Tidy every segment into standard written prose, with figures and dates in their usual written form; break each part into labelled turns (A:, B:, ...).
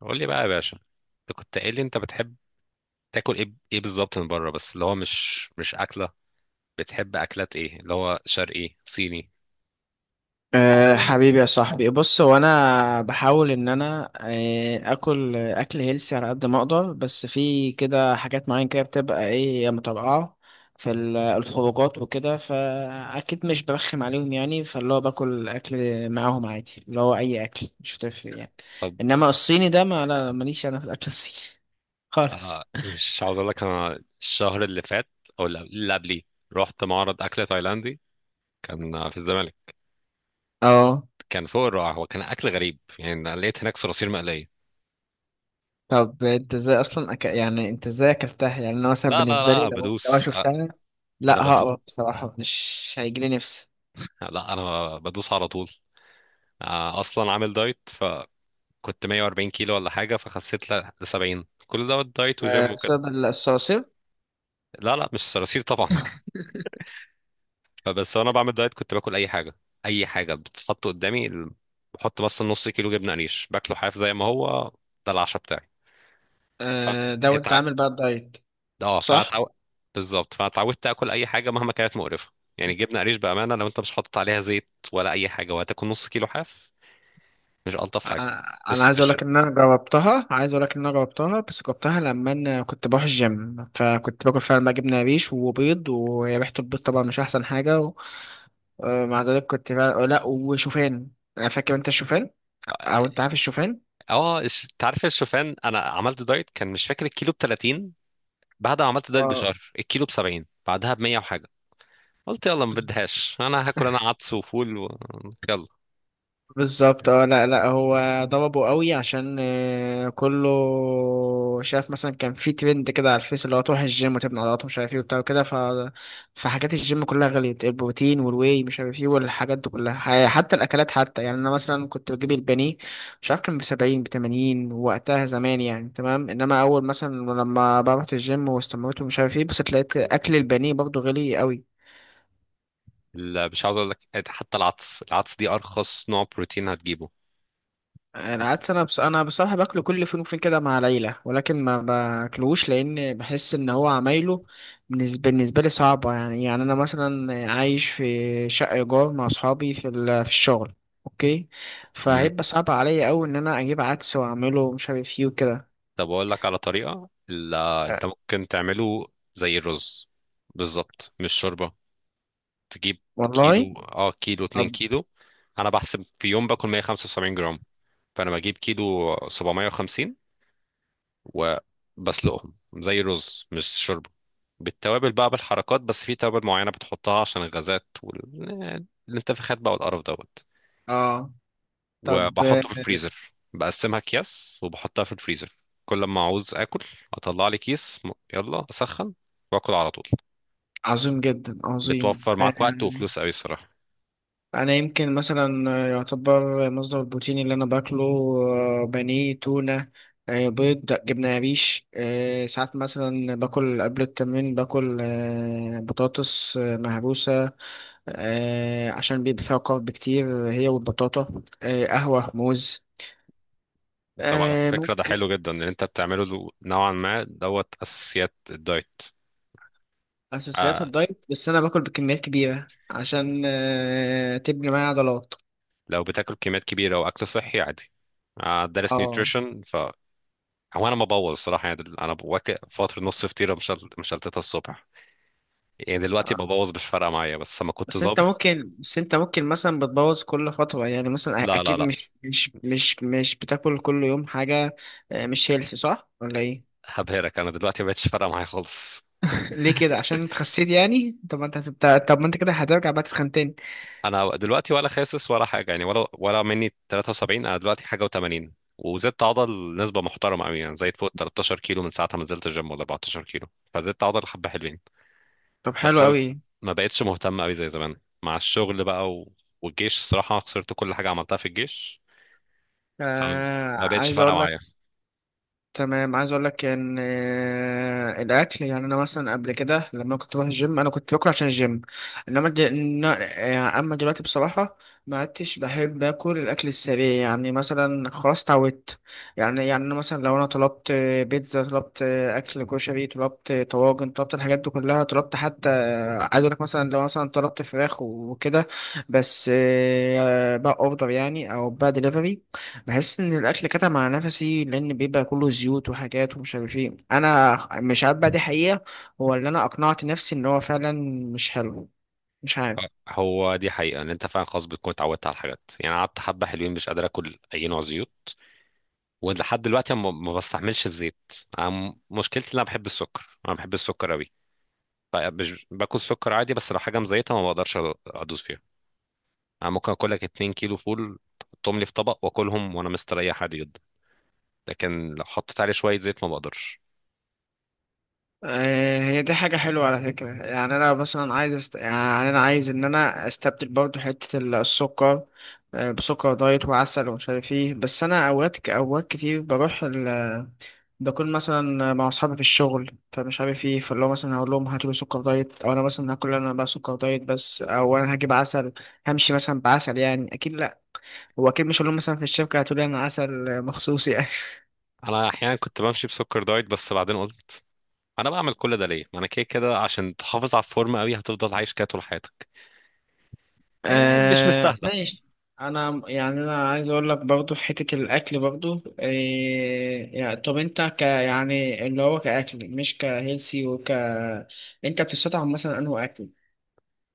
A: قول لي بقى يا باشا، انت كنت قايل لي انت بتحب تاكل ايه بالظبط من بره، بس اللي هو مش اكله؟ بتحب اكلات ايه اللي هو شرقي، صيني؟
B: أه، حبيبي يا صاحبي، بص، هو انا بحاول ان انا اكل اكل هيلسي على قد ما اقدر، بس في كده حاجات معينة كده بتبقى ايه متابعة في الخروجات وكده، فاكيد مش برخم عليهم يعني، فاللي هو باكل اكل معاهم عادي، اللي هو اي اكل مش هتفرق يعني.
A: طب،
B: انما الصيني ده ما لا ماليش انا في الاكل الصيني خالص.
A: مش عاوز اقول لك، انا الشهر اللي فات او اللي قبليه رحت معرض اكل تايلاندي. كان في الزمالك.
B: اه،
A: كان فوق الرائع. هو كان اكل غريب يعني، أنا لقيت هناك صراصير مقليه.
B: طب انت ازاي اصلا يعني انت ازاي اكلتها؟ يعني انا مثلا
A: لا، لا،
B: بالنسبه لي
A: لا،
B: لو أنا
A: بدوس.
B: شفتها
A: انا
B: لا
A: بدوس.
B: هقرف بصراحه، مش هيجيلي نفسي.
A: لا، انا بدوس على طول. اصلا عامل دايت، فكنت 140 كيلو ولا حاجه، فخسيت ل 70. كل ده دايت
B: أه،
A: وجيم وكده.
B: بسبب الصراصير.
A: لا، لا، مش صراصير طبعا. بس وانا بعمل دايت كنت باكل اي حاجه، اي حاجه بتتحط قدامي. بحط بس نص كيلو جبنه قريش باكله حاف زي ما هو. ده العشاء بتاعي.
B: أه، ده وانت
A: اتع...
B: عامل بقى الدايت،
A: اه
B: صح.
A: فاتعو... بالظبط، فاتعودت اكل اي حاجه مهما كانت مقرفه. يعني جبنه قريش بامانه، لو انت مش حاطط عليها زيت ولا اي حاجه وهتاكل نص كيلو حاف، مش الطف حاجه؟
B: انا أنا
A: بس
B: عايز اقول
A: مش
B: لك ان انا جربتها، بس جربتها لما انا كنت بروح الجيم، فكنت باكل فعلا بقى جبنه ريش وبيض، وريحه البيض طبعا مش احسن حاجه مع ذلك كنت لا، وشوفان. انا فاكر انت الشوفان او انت عارف الشوفان.
A: اه الش- انت عارف الشوفان، انا عملت دايت كان مش فاكر الكيلو ب 30، بعد ما عملت دايت
B: اه،
A: بشهر الكيلو ب 70، بعدها ب 100 وحاجه. قلت يلا، ما بدهاش انا هاكل انا عدس وفول يلا.
B: بالظبط. اه، لا لا، هو ضربه قوي عشان كله شاف مثلا. كان في ترند كده على الفيس، اللي هو تروح الجيم وتبني عضلات ومش عارف ايه وبتاع وكده. فحاجات الجيم كلها غليت، البروتين والواي مش عارف ايه والحاجات دي كلها، حتى الاكلات حتى، يعني انا مثلا كنت بجيب البانيه مش عارف كان ب 70 ب 80 وقتها زمان، يعني تمام. انما اول مثلا لما بروح الجيم واستمريت ومش عارف ايه، بس لقيت اكل البانيه برضه غالي قوي.
A: مش عاوز اقول لك، حتى العدس دي ارخص نوع بروتين هتجيبه.
B: العدس، انا بصراحه باكله كل فين وفين كده مع العيله، ولكن ما باكلوش لان بحس ان هو عمايله بالنسبه لي صعبه يعني انا مثلا عايش في شقه ايجار مع اصحابي في الشغل، اوكي،
A: امم
B: فهيبقى صعب عليا قوي ان انا اجيب عدس واعمله مش عارف ايه وكده.
A: طب اقول لك على طريقه
B: أه،
A: انت ممكن تعمله زي الرز، بالظبط مش شوربه. تجيب
B: والله.
A: كيلو، كيلو، 2
B: طب.
A: كيلو. انا بحسب في يوم باكل 175 جرام، فانا بجيب كيلو 750 وبسلقهم زي الرز مش شرب، بالتوابل بقى بالحركات، بس في توابل معينة بتحطها عشان الغازات والانتفاخات بقى والقرف دوت.
B: اه طب آه،
A: وبحطه في الفريزر، بقسمها اكياس وبحطها في الفريزر. كل ما عاوز اكل اطلع لي كيس، يلا اسخن واكل على طول.
B: عظيم جدا، عظيم
A: بتوفر معاك وقت
B: آه.
A: وفلوس قوي الصراحة.
B: انا يمكن مثلا يعتبر مصدر البروتين اللي انا باكله بانيه، تونه، بيض، جبنه قريش، ساعات مثلا باكل قبل التمرين، باكل بطاطس مهروسه، عشان بيبقى فيها كارب كتير، هي والبطاطا، قهوه، موز،
A: طب على فكرة ده
B: ممكن.
A: حلو جدا ان انت بتعمله له نوعا ما دوت اساسيات الدايت.
B: اساسيات
A: آه
B: الدايت، بس انا باكل بكميات كبيره عشان تبني معايا عضلات.
A: لو بتاكل كميات كبيرة واكل صحي، عادي. دارس
B: اه.
A: نيوتريشن. هو انا ما ببوظ الصراحه يعني. انا بواكب فتره، نص فطيره مشلتتها الصبح. يعني دلوقتي ببوظ مش فارقه معايا، بس لما كنت
B: بس انت
A: ظابط.
B: ممكن بس انت ممكن مثلا بتبوظ كل فترة، يعني مثلا
A: لا، لا،
B: اكيد
A: لا،
B: مش بتاكل كل يوم حاجة. مش هيلثي، صح ولا ايه؟
A: هبهرك. انا دلوقتي ما بقتش فارقه معايا خالص.
B: ليه كده، عشان انت خسيت يعني؟ طب ما انت كده هترجع بقى تتخن تاني.
A: انا دلوقتي ولا خاسس ولا حاجه يعني، ولا مني 73، انا دلوقتي حاجه و80. وزدت عضل نسبه محترمه قوي يعني، زايد فوق 13 كيلو من ساعه ما نزلت الجيم، ولا 14 كيلو. فزدت عضل حبه حلوين.
B: طب حلو
A: بس أنا
B: قوي.
A: ما بقتش مهتم قوي زي زمان، مع الشغل بقى والجيش. الصراحه خسرت كل حاجه عملتها في الجيش،
B: آه
A: فما بقتش
B: عايز
A: فارقه
B: اقول
A: معايا.
B: تمام. عايز اقول لك ان الاكل، يعني انا مثلا قبل كده لما كنت بروح الجيم انا كنت باكل عشان الجيم. انما دل... اما دلوقتي بصراحه ما عدتش بحب اكل الاكل السريع، يعني مثلا، خلاص اتعودت. يعني أنا مثلا لو انا طلبت بيتزا، طلبت اكل كشري، طلبت طواجن، طلبت الحاجات دي كلها، طلبت حتى عايز اقول لك مثلا، لو مثلا طلبت فراخ وكده بس بقى اوردر يعني او بقى دليفري، بحس ان الاكل كتم على نفسي لان بيبقى كله زيوت وحاجات ومش عارف ايه. انا مش عارف بقى دي حقيقه هو اللي انا اقنعت نفسي ان هو فعلا مش حلو، مش عارف.
A: هو دي حقيقة ان انت فعلا خلاص بتكون اتعودت على الحاجات يعني. أنا قعدت حبة حلوين مش قادر اكل اي نوع زيوت، ولحد دلوقتي ما بستحملش الزيت. أنا مشكلتي ان انا بحب السكر. انا بحب السكر قوي. مش باكل سكر عادي، بس لو حاجة مزيتة ما بقدرش ادوس فيها. انا ممكن اكل لك 2 كيلو فول تحطهم لي في طبق واكلهم وانا مستريح عادي جدا. لكن لو حطيت عليه شوية زيت ما بقدرش.
B: هي دي حاجة حلوة على فكرة، يعني أنا مثلا يعني أنا عايز إن أنا أستبدل برضو حتة السكر بسكر دايت وعسل ومش عارف إيه. بس أنا أوقات كتير بروح، ده كل مثلا مع اصحابي في الشغل فمش عارف ايه، فاللي هو مثلا هقول لهم هاتوا لي سكر دايت، او انا مثلا هاكل انا بقى سكر دايت بس، او انا هجيب عسل، همشي مثلا بعسل؟ يعني اكيد لا، هو اكيد مش هقول لهم مثلا في الشركه هاتوا لي انا عسل مخصوص يعني
A: انا احيانا كنت بمشي بسكر دايت، بس بعدين قلت انا بعمل كل ده ليه؟ ما انا كده كده، عشان تحافظ على الفورمه قوي هتفضل عايش كده طول حياتك. مش
B: آه،
A: مستاهله.
B: ماشي. انا عايز اقول لك برضو في حته الاكل برضو إيه يعني. طب انت يعني اللي هو كاكل مش كهيلسي انت بتستطعم مثلا انه اكل،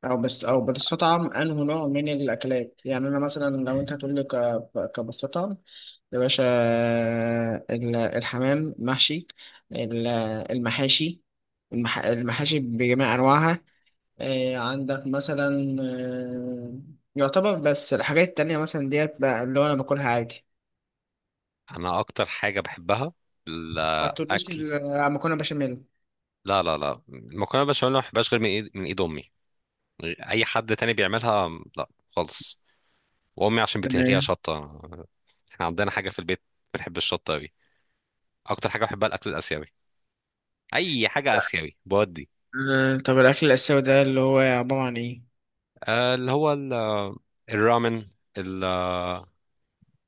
B: او بتستطعم انه نوع من الاكلات، يعني انا مثلا لو انت هتقول لي كبستطعم؟ يا باشا، الحمام محشي، ال- المحاشي، المحاشي بجميع انواعها، عندك مثلا يعتبر. بس الحاجات التانية مثلا ديت بقى اللي هو انا باكلها عادي.
A: انا اكتر حاجه بحبها
B: ما تقوليش
A: الاكل.
B: مكرونه بشاميل.
A: لا، لا، لا، المكرونه بالبشاميل ما بحبهاش غير من ايد امي. اي حد تاني بيعملها، لا خالص. وامي عشان بتهريها
B: تمام.
A: شطه. احنا عندنا حاجه في البيت، بنحب الشطه قوي. اكتر حاجه بحبها الاكل الاسيوي، اي حاجه اسيوي بودي.
B: طب الأكل الآسيوي ده اللي هو عبارة عن إيه؟
A: اللي هو الرامن، ال-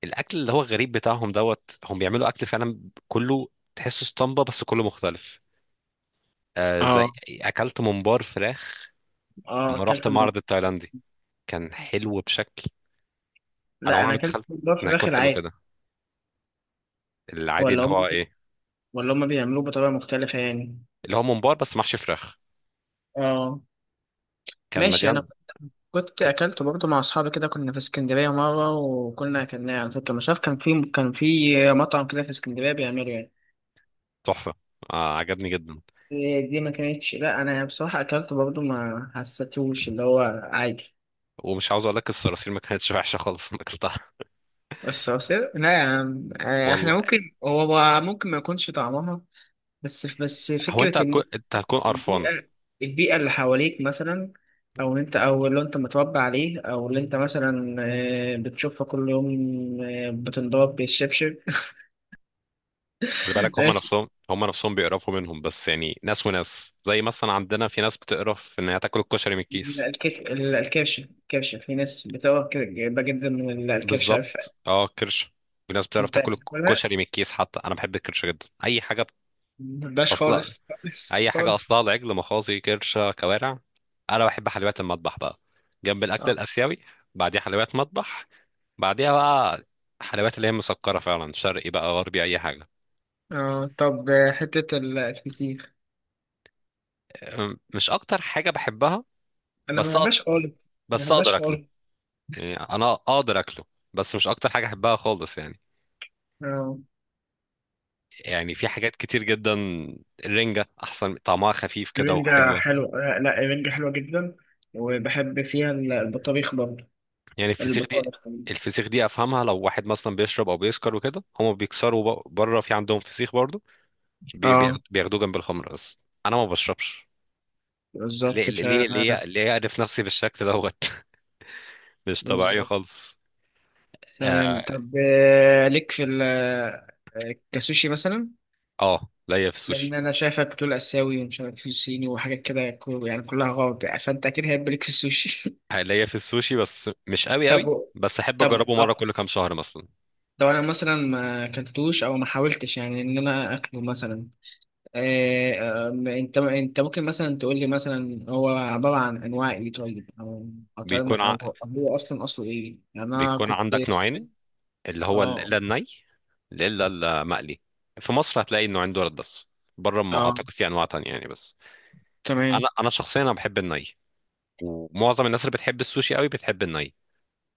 A: الاكل اللي هو الغريب بتاعهم دوت. هم بيعملوا اكل فعلا كله تحسه اسطمبة، بس كله مختلف. زي
B: آه
A: اكلت ممبار فراخ.
B: آه
A: اما رحت
B: أكلت من...
A: معرض التايلاندي كان حلو بشكل، انا
B: لا،
A: عمري
B: أنا
A: ما
B: أكلت
A: اتخيلت
B: ممبار
A: انه
B: فراخ
A: يكون حلو
B: العادي.
A: كده. العادي
B: ولا
A: اللي
B: هم
A: هو
B: بي...
A: ايه؟
B: ولا هم بيعملوه بطريقة مختلفة يعني؟
A: اللي هو ممبار بس محشي فراخ،
B: اه،
A: كان
B: ماشي. انا
A: مليان.
B: كنت
A: ك-
B: اكلته برضه مع اصحابي كده، كنا في اسكندرية مرة وكنا اكلناه على فكرة. مش عارف كان في مطعم كده في اسكندرية بيعمله يعني.
A: تحفه. عجبني جدا.
B: إيه دي ما كانتش، لا انا بصراحة اكلته برضه ما حسيتوش اللي هو عادي.
A: ومش عاوز اقول لك، الصراصير ما كانتش وحشه خالص ما اكلتها
B: لا يا عم،
A: والله.
B: احنا ممكن، هو ممكن ما يكونش طعمها. بس
A: هو
B: فكرة ان
A: انت هتكون قرفان.
B: البيئة البيئة اللي حواليك مثلا، أو اللي أنت متربي عليه، أو اللي أنت مثلا بتشوفها كل يوم، بتنضرب بالشبشب.
A: خلي بالك
B: ماشي.
A: هم نفسهم بيقرفوا منهم، بس يعني ناس وناس. زي مثلا عندنا في ناس بتقرف ان هي تاكل الكشري من
B: لا،
A: الكيس.
B: الكرش. في ناس بتقرا جدا جدا من الكرش، عارف.
A: بالظبط، اه، كرش. في ناس بتعرف
B: أنت
A: تاكل
B: بتقولها؟
A: الكشري من الكيس. حتى انا بحب الكرش جدا. اي حاجه
B: مبقاش
A: اصلا
B: خالص خالص
A: اي حاجه
B: خالص.
A: اصلها العجل، مخاصي كرشه كوارع. انا بحب حلويات المطبخ بقى، جنب الاكل
B: اه.
A: الاسيوي. بعديها حلويات مطبخ. بعديها بقى حلويات اللي هي مسكره فعلا، شرقي بقى غربي اي حاجه.
B: طب حتة الفسيخ،
A: مش اكتر حاجه بحبها،
B: أنا ما
A: بس أقدر.
B: بحبهاش خالص، ما
A: بس
B: بحبهاش
A: اقدر اكله
B: خالص.
A: يعني انا اقدر اكله، بس مش اكتر حاجه احبها خالص يعني.
B: آه،
A: يعني في حاجات كتير جدا. الرنجه احسن، طعمها خفيف كده
B: الرنجة
A: وحلوه.
B: حلوة. لا الرنجة حلوة جدا، وبحب فيها البطاريخ برضه.
A: يعني
B: البطاله الخليجية.
A: الفسيخ دي افهمها، لو واحد مثلا بيشرب او بيسكر وكده هما بيكسروا بره، في عندهم فسيخ برضه
B: اه،
A: بياخدوه جنب الخمر. اصلا انا ما بشربش. ليه،
B: بالظبط.
A: ليه، ليه، ليه اعرف نفسي بالشكل دوت؟ مش طبيعيه
B: بالظبط.
A: خالص.
B: تمام.
A: اه،
B: طب ليك في ال آه، كسوشي مثلا؟
A: آه، ليا في السوشي
B: لان انا شايفك بتقول اسيوي ومش عارف في صيني وحاجات كده يعني كلها غلط، يعني فانت اكيد هيبقى ليك في السوشي.
A: ليا في السوشي بس مش قوي قوي،
B: طب
A: بس احب
B: طب
A: اجربه مره كل كام شهر مثلا.
B: لو انا مثلا ما اكلتوش او ما حاولتش يعني ان انا اكله مثلا آه، آه، انت ممكن مثلا تقول لي مثلا هو عباره عن انواع ايه طيب، او طعم-
A: بيكون ع...
B: او أو هو اصلا اصله ايه يعني؟ انا
A: بيكون
B: كنت
A: عندك نوعين، اللي هو
B: اه،
A: الني، الا المقلي. في مصر هتلاقي النوعين دولت بس، بره ما
B: اه،
A: اعتقد في انواع تانية يعني. بس انا،
B: تمام.
A: انا شخصيا انا بحب الني. ومعظم الناس اللي بتحب السوشي قوي بتحب الني.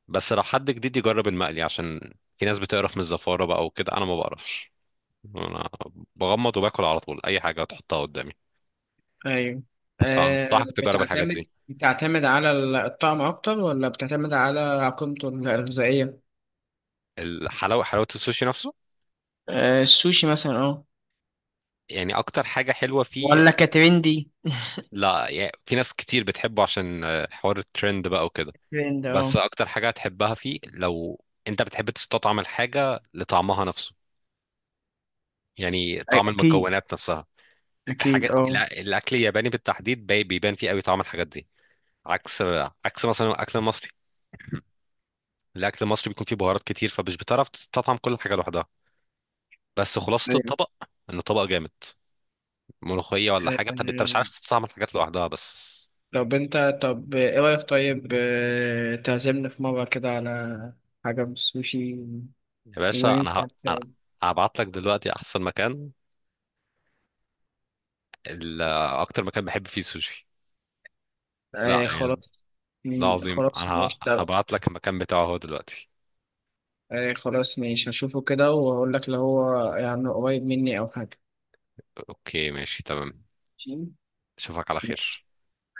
A: بس لو حد جديد يجرب المقلي، عشان في ناس بتقرف من الزفارة بقى وكده. أنا ما بقرفش. أنا بغمض وباكل على طول أي حاجة تحطها قدامي.
B: ايوه،
A: فأنصحك تجرب الحاجات
B: بتعتمد
A: دي.
B: بتعتمد على الطعم اكتر، ولا بتعتمد على قيمته الغذائيه؟
A: حلاوة السوشي نفسه،
B: السوشي مثلا، اه،
A: يعني أكتر حاجة حلوة فيه.
B: ولا كترندي،
A: لا يعني، في ناس كتير بتحبه عشان حوار الترند بقى وكده.
B: ترند؟
A: بس
B: اه.
A: أكتر حاجة هتحبها فيه لو أنت بتحب تستطعم الحاجة لطعمها نفسه، يعني طعم
B: اكيد،
A: المكونات نفسها. الحاجة
B: اكيد، اه،
A: الأكل الياباني بالتحديد بيبان فيه قوي طعم الحاجات دي. عكس، مثلا الاكل المصري. الاكل المصري بيكون فيه بهارات كتير، فمش بتعرف تستطعم كل حاجه لوحدها، بس خلاصه
B: ايوه.
A: الطبق انه طبق جامد. ملوخيه ولا حاجه، انت مش عارف
B: آه،
A: تستطعم الحاجات لوحدها بس.
B: طب انت، ايه رايك طيب، تعزمنا في مره كده على حاجه من السوشي.
A: يا باشا،
B: وانت
A: انا
B: بت-
A: هبعت لك دلوقتي احسن مكان، ال... اكتر مكان بحب فيه سوشي. لا يعني،
B: خلاص.
A: ده
B: مم،
A: عظيم.
B: خلاص ماشي. طب
A: هبعت لك المكان بتاعه هو دلوقتي.
B: ايه، خلاص ماشي، هشوفه كده وهقول لك لو هو يعني قريب مني او حاجة.
A: اوكي، ماشي، تمام.
B: ماشي.
A: اشوفك على خير.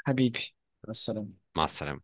B: حبيبي، مع السلامة.
A: مع السلامه.